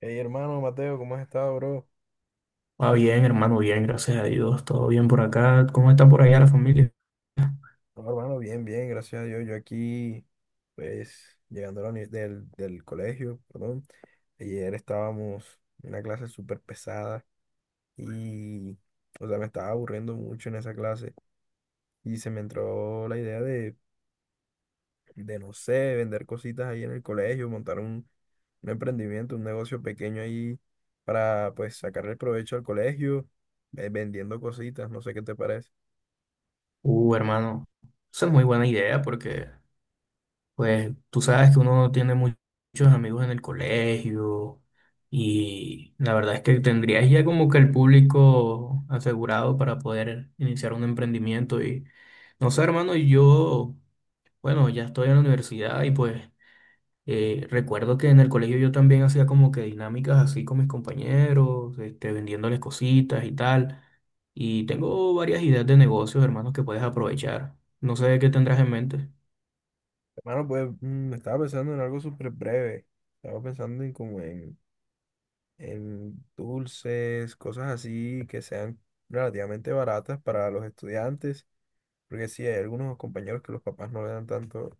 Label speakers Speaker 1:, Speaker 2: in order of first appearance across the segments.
Speaker 1: Hey, hermano Mateo, ¿cómo has estado, bro?
Speaker 2: Ah, bien, hermano, bien, gracias a Dios, todo bien por acá. ¿Cómo está por allá la familia?
Speaker 1: No, hermano, bien, bien, gracias a Dios. Yo aquí, pues, llegando a la uni- del, del colegio, perdón. Ayer estábamos en una clase súper pesada y, o sea, me estaba aburriendo mucho en esa clase y se me entró la idea de, no sé, vender cositas ahí en el colegio, montar un, emprendimiento, un negocio pequeño ahí para, pues, sacarle provecho al colegio, vendiendo cositas, no sé qué te parece.
Speaker 2: Hermano, esa es muy buena idea porque, pues, tú sabes que uno no tiene muchos amigos en el colegio y la verdad es que tendrías ya como que el público asegurado para poder iniciar un emprendimiento y, no sé, hermano, yo, bueno, ya estoy en la universidad y pues recuerdo que en el colegio yo también hacía como que dinámicas así con mis compañeros, este, vendiéndoles cositas y tal. Y tengo varias ideas de negocios, hermanos, que puedes aprovechar. No sé qué tendrás en mente.
Speaker 1: Bueno, pues estaba pensando en algo súper breve. Estaba pensando en como en, dulces, cosas así que sean relativamente baratas para los estudiantes. Porque sí, hay algunos compañeros que los papás no le dan tanto,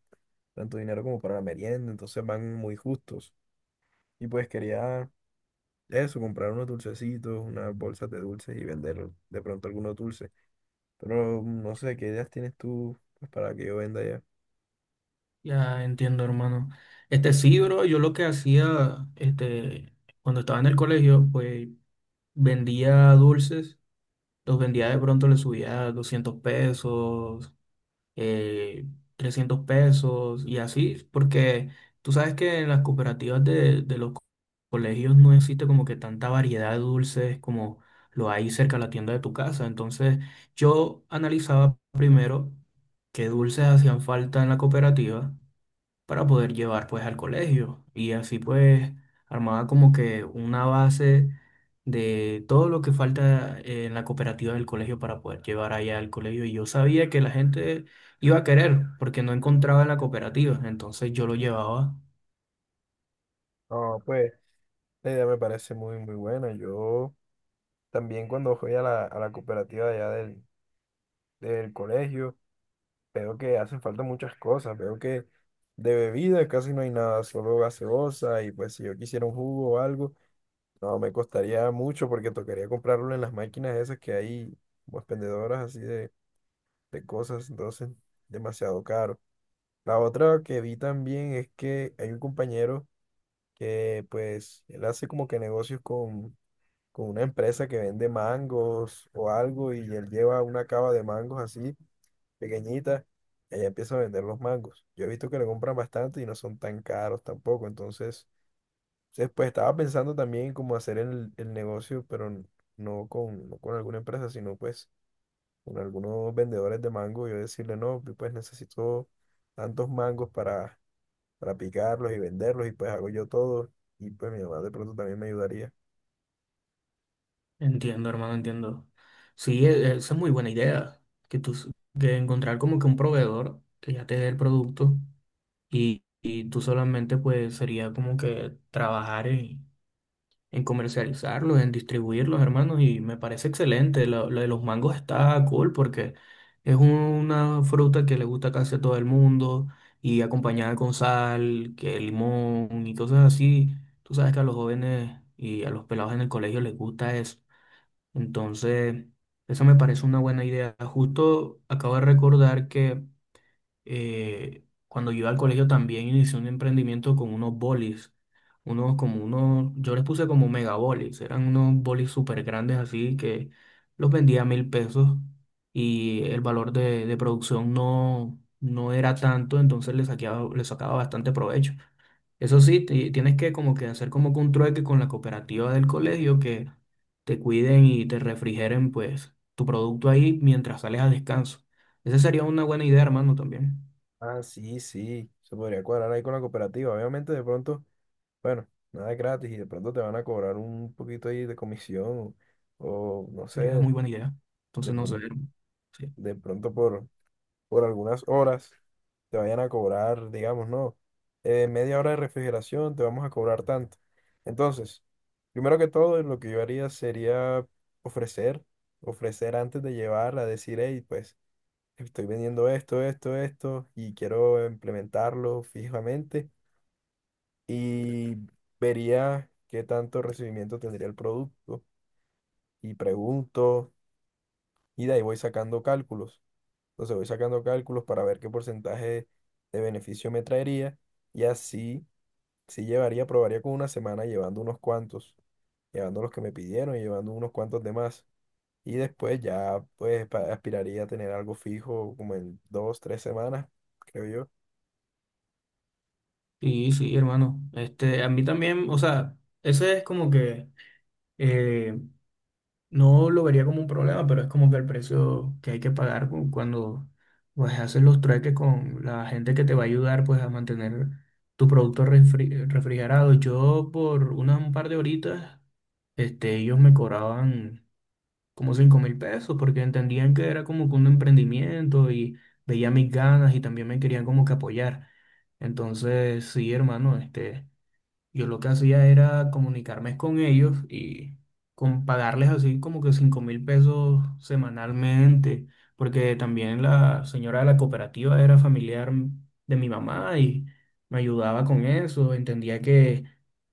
Speaker 1: dinero como para la merienda, entonces van muy justos. Y pues quería eso, comprar unos dulcecitos, unas bolsas de dulces y vender de pronto algunos dulces. Pero no sé, ¿qué ideas tienes tú pues, para que yo venda ya?
Speaker 2: Ya entiendo, hermano. Este sí, bro, yo lo que hacía, este, cuando estaba en el colegio, pues vendía dulces, los vendía de pronto, le subía 200 pesos, eh, 300 pesos y así, porque tú sabes que en las cooperativas de los colegios no existe como que tanta variedad de dulces como lo hay cerca de la tienda de tu casa. Entonces yo analizaba primero qué dulces hacían falta en la cooperativa para poder llevar pues al colegio y así pues armaba como que una base de todo lo que falta en la cooperativa del colegio para poder llevar allá al colegio y yo sabía que la gente iba a querer porque no encontraba en la cooperativa, entonces yo lo llevaba.
Speaker 1: No, pues la idea me parece muy, muy buena. También cuando voy a la, cooperativa de allá del, colegio, veo que hacen falta muchas cosas. Veo que de bebida casi no hay nada, solo gaseosa. Y pues si yo quisiera un jugo o algo, no me costaría mucho porque tocaría comprarlo en las máquinas esas que hay, como expendedoras así de, cosas. Entonces, demasiado caro. La otra que vi también es que hay un compañero que pues él hace como que negocios con una empresa que vende mangos o algo y él lleva una cava de mangos así, pequeñita, y ella empieza a vender los mangos. Yo he visto que le compran bastante y no son tan caros tampoco, entonces, pues estaba pensando también como hacer el, negocio, pero no con, alguna empresa, sino pues con algunos vendedores de mango. Yo decirle, no, pues necesito tantos mangos para, picarlos y venderlos y pues hago yo todo y pues mi mamá de pronto también me ayudaría.
Speaker 2: Entiendo, hermano, entiendo. Sí, esa es muy buena idea, que tú de encontrar como que un proveedor que ya te dé el producto y tú solamente pues sería como que trabajar en comercializarlos, en distribuirlos, hermanos, y me parece excelente. Lo de los mangos está cool porque es una fruta que le gusta casi a todo el mundo y acompañada con sal, que limón y cosas así. Tú sabes que a los jóvenes y a los pelados en el colegio les gusta eso. Entonces, eso me parece una buena idea. Justo acabo de recordar que cuando yo iba al colegio también inicié un emprendimiento con unos bolis, unos como unos, yo les puse como mega bolis, eran unos bolis súper grandes así que los vendía a 1000 pesos y el valor de producción no, no era tanto, entonces le le sacaba bastante provecho. Eso sí, tienes que como que hacer como que un trueque con la cooperativa del colegio que te cuiden y te refrigeren pues tu producto ahí mientras sales a descanso. Esa sería una buena idea, hermano, también.
Speaker 1: Ah, sí, sí, se podría cuadrar ahí con la cooperativa. Obviamente, de pronto, bueno, nada es gratis y de pronto te van a cobrar un poquito ahí de comisión o, no sé,
Speaker 2: Sería muy buena idea.
Speaker 1: de
Speaker 2: Entonces, no sé.
Speaker 1: pronto,
Speaker 2: Sí,
Speaker 1: de pronto por, algunas horas te vayan a cobrar, digamos, no, media hora de refrigeración te vamos a cobrar tanto. Entonces, primero que todo, lo que yo haría sería ofrecer, antes de llevar, a decir, hey, pues estoy vendiendo esto, esto, esto y quiero implementarlo fijamente y vería qué tanto recibimiento tendría el producto y pregunto y de ahí voy sacando cálculos. Entonces voy sacando cálculos para ver qué porcentaje de beneficio me traería y así si llevaría, probaría con una semana llevando unos cuantos, llevando los que me pidieron y llevando unos cuantos de más. Y después ya pues aspiraría a tener algo fijo como en dos, tres semanas, creo yo.
Speaker 2: sí, sí, hermano. Este, a mí también, o sea, ese es como que eh, no lo vería como un problema, pero es como que el precio que hay que pagar cuando pues haces los trueques con la gente que te va a ayudar pues a mantener tu producto refrigerado. Yo por unas un par de horitas, este, ellos me cobraban como 5000 pesos, porque entendían que era como que un emprendimiento y veía mis ganas y también me querían como que apoyar. Entonces, sí, hermano, este, yo lo que hacía era comunicarme con ellos y con pagarles así como que 5000 pesos semanalmente, porque también la señora de la cooperativa era familiar de mi mamá y me ayudaba con eso, entendía que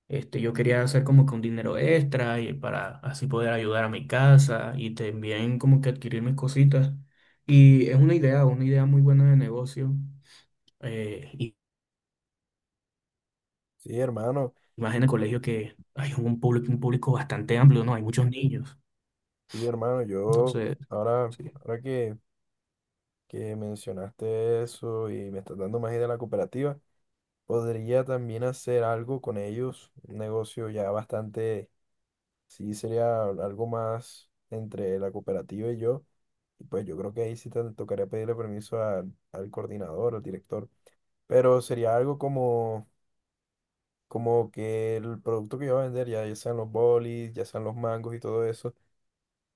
Speaker 2: este, yo quería hacer como que un dinero extra y para así poder ayudar a mi casa y también como que adquirir mis cositas. Y es una idea muy buena de negocio. eh,
Speaker 1: Sí, hermano,
Speaker 2: más en el colegio que hay un público bastante amplio, ¿no? Hay muchos niños.
Speaker 1: sí, hermano, yo
Speaker 2: Entonces,
Speaker 1: ahora,
Speaker 2: sí.
Speaker 1: que mencionaste eso y me estás dando más idea de la cooperativa, podría también hacer algo con ellos, un negocio ya bastante, sí sería algo más entre la cooperativa y yo, y pues yo creo que ahí sí te tocaría pedirle permiso al, coordinador, al director, pero sería algo como, como que el producto que yo voy a vender, ya, ya sean los bolis, ya sean los mangos y todo eso.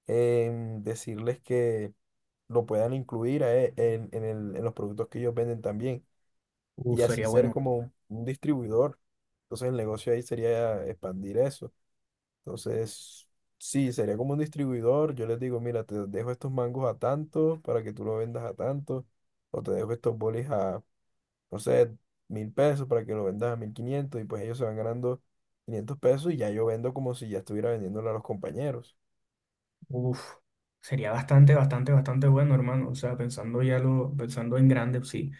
Speaker 1: Decirles que lo puedan incluir a en, en los productos que ellos venden también y
Speaker 2: Uf,
Speaker 1: así
Speaker 2: sería
Speaker 1: ser
Speaker 2: bueno.
Speaker 1: como un distribuidor. Entonces el negocio ahí sería expandir eso. Entonces, sí, sería como un distribuidor. Yo les digo, mira, te dejo estos mangos a tanto para que tú lo vendas a tanto, o te dejo estos bolis a, no sé, 1000 pesos para que lo vendas a 1500, y pues ellos se van ganando 500 pesos y ya yo vendo como si ya estuviera vendiéndole a los compañeros.
Speaker 2: Uf, sería bastante, bastante, bastante bueno, hermano. O sea, pensando ya lo, pensando en grande, sí.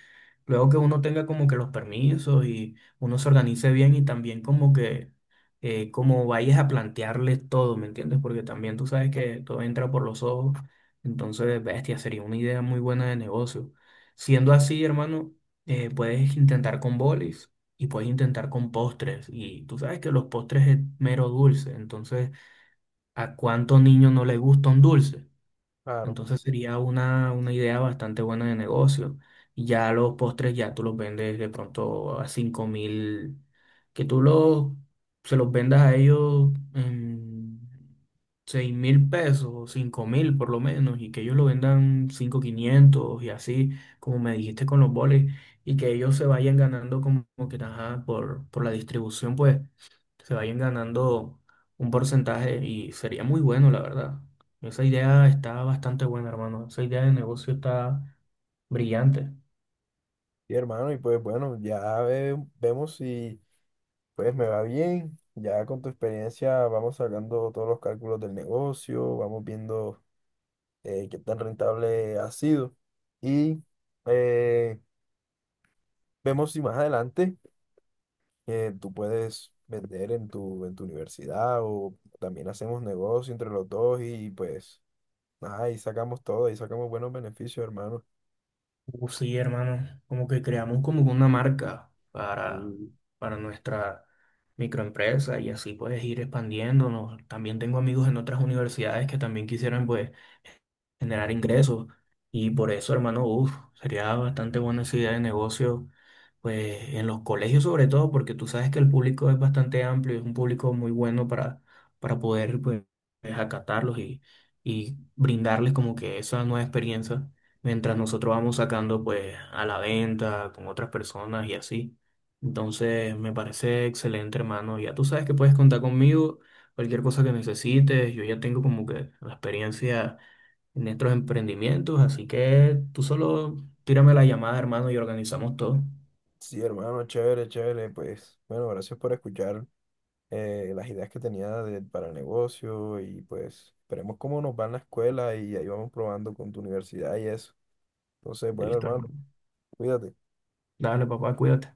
Speaker 2: Luego que uno tenga como que los permisos y uno se organice bien y también como que como vayas a plantearles todo, ¿me entiendes? Porque también tú sabes que todo entra por los ojos, entonces, bestia, sería una idea muy buena de negocio. Siendo así, hermano, puedes intentar con bolis y puedes intentar con postres y tú sabes que los postres es mero dulce, entonces, ¿a cuánto niño no le gusta un dulce?
Speaker 1: Claro.
Speaker 2: Entonces sería una idea bastante buena de negocio. Y ya los postres ya tú los vendes de pronto a 5000, que tú los, se los vendas a ellos en 6000 pesos, 5000 por lo menos, y que ellos lo vendan 5500 y así, como me dijiste con los boles, y que ellos se vayan ganando como que, ajá, por la distribución, pues se vayan ganando un porcentaje y sería muy bueno, la verdad. Esa idea está bastante buena, hermano. Esa idea de negocio está brillante.
Speaker 1: Y hermano, y pues bueno, ya vemos si pues me va bien, ya con tu experiencia vamos sacando todos los cálculos del negocio, vamos viendo qué tan rentable ha sido y, eh, vemos si más adelante tú puedes vender en tu, universidad o también hacemos negocio entre los dos y pues nada, ahí sacamos todo, ahí sacamos buenos beneficios, hermano.
Speaker 2: Sí, hermano. Como que creamos como una marca para,
Speaker 1: Y
Speaker 2: para nuestra microempresa y así puedes ir expandiéndonos. También tengo amigos en otras universidades que también quisieran pues generar ingresos. Y por eso, hermano, uf, sería bastante buena esa idea de negocio, pues en los colegios sobre todo, porque tú sabes que el público es bastante amplio, es un público muy bueno para poder pues, acatarlos y brindarles como que esa nueva experiencia, mientras nosotros vamos sacando pues a la venta con otras personas y así. Entonces, me parece excelente, hermano. Ya tú sabes que puedes contar conmigo, cualquier cosa que necesites, yo ya tengo como que la experiencia en nuestros emprendimientos, así que tú solo tírame la llamada, hermano, y organizamos todo.
Speaker 1: sí, hermano, chévere, chévere, pues bueno, gracias por escuchar las ideas que tenía para el negocio y pues veremos cómo nos va en la escuela y ahí vamos probando con tu universidad y eso. Entonces, bueno,
Speaker 2: Listo,
Speaker 1: hermano,
Speaker 2: hermano.
Speaker 1: cuídate.
Speaker 2: Dale, papá, cuídate.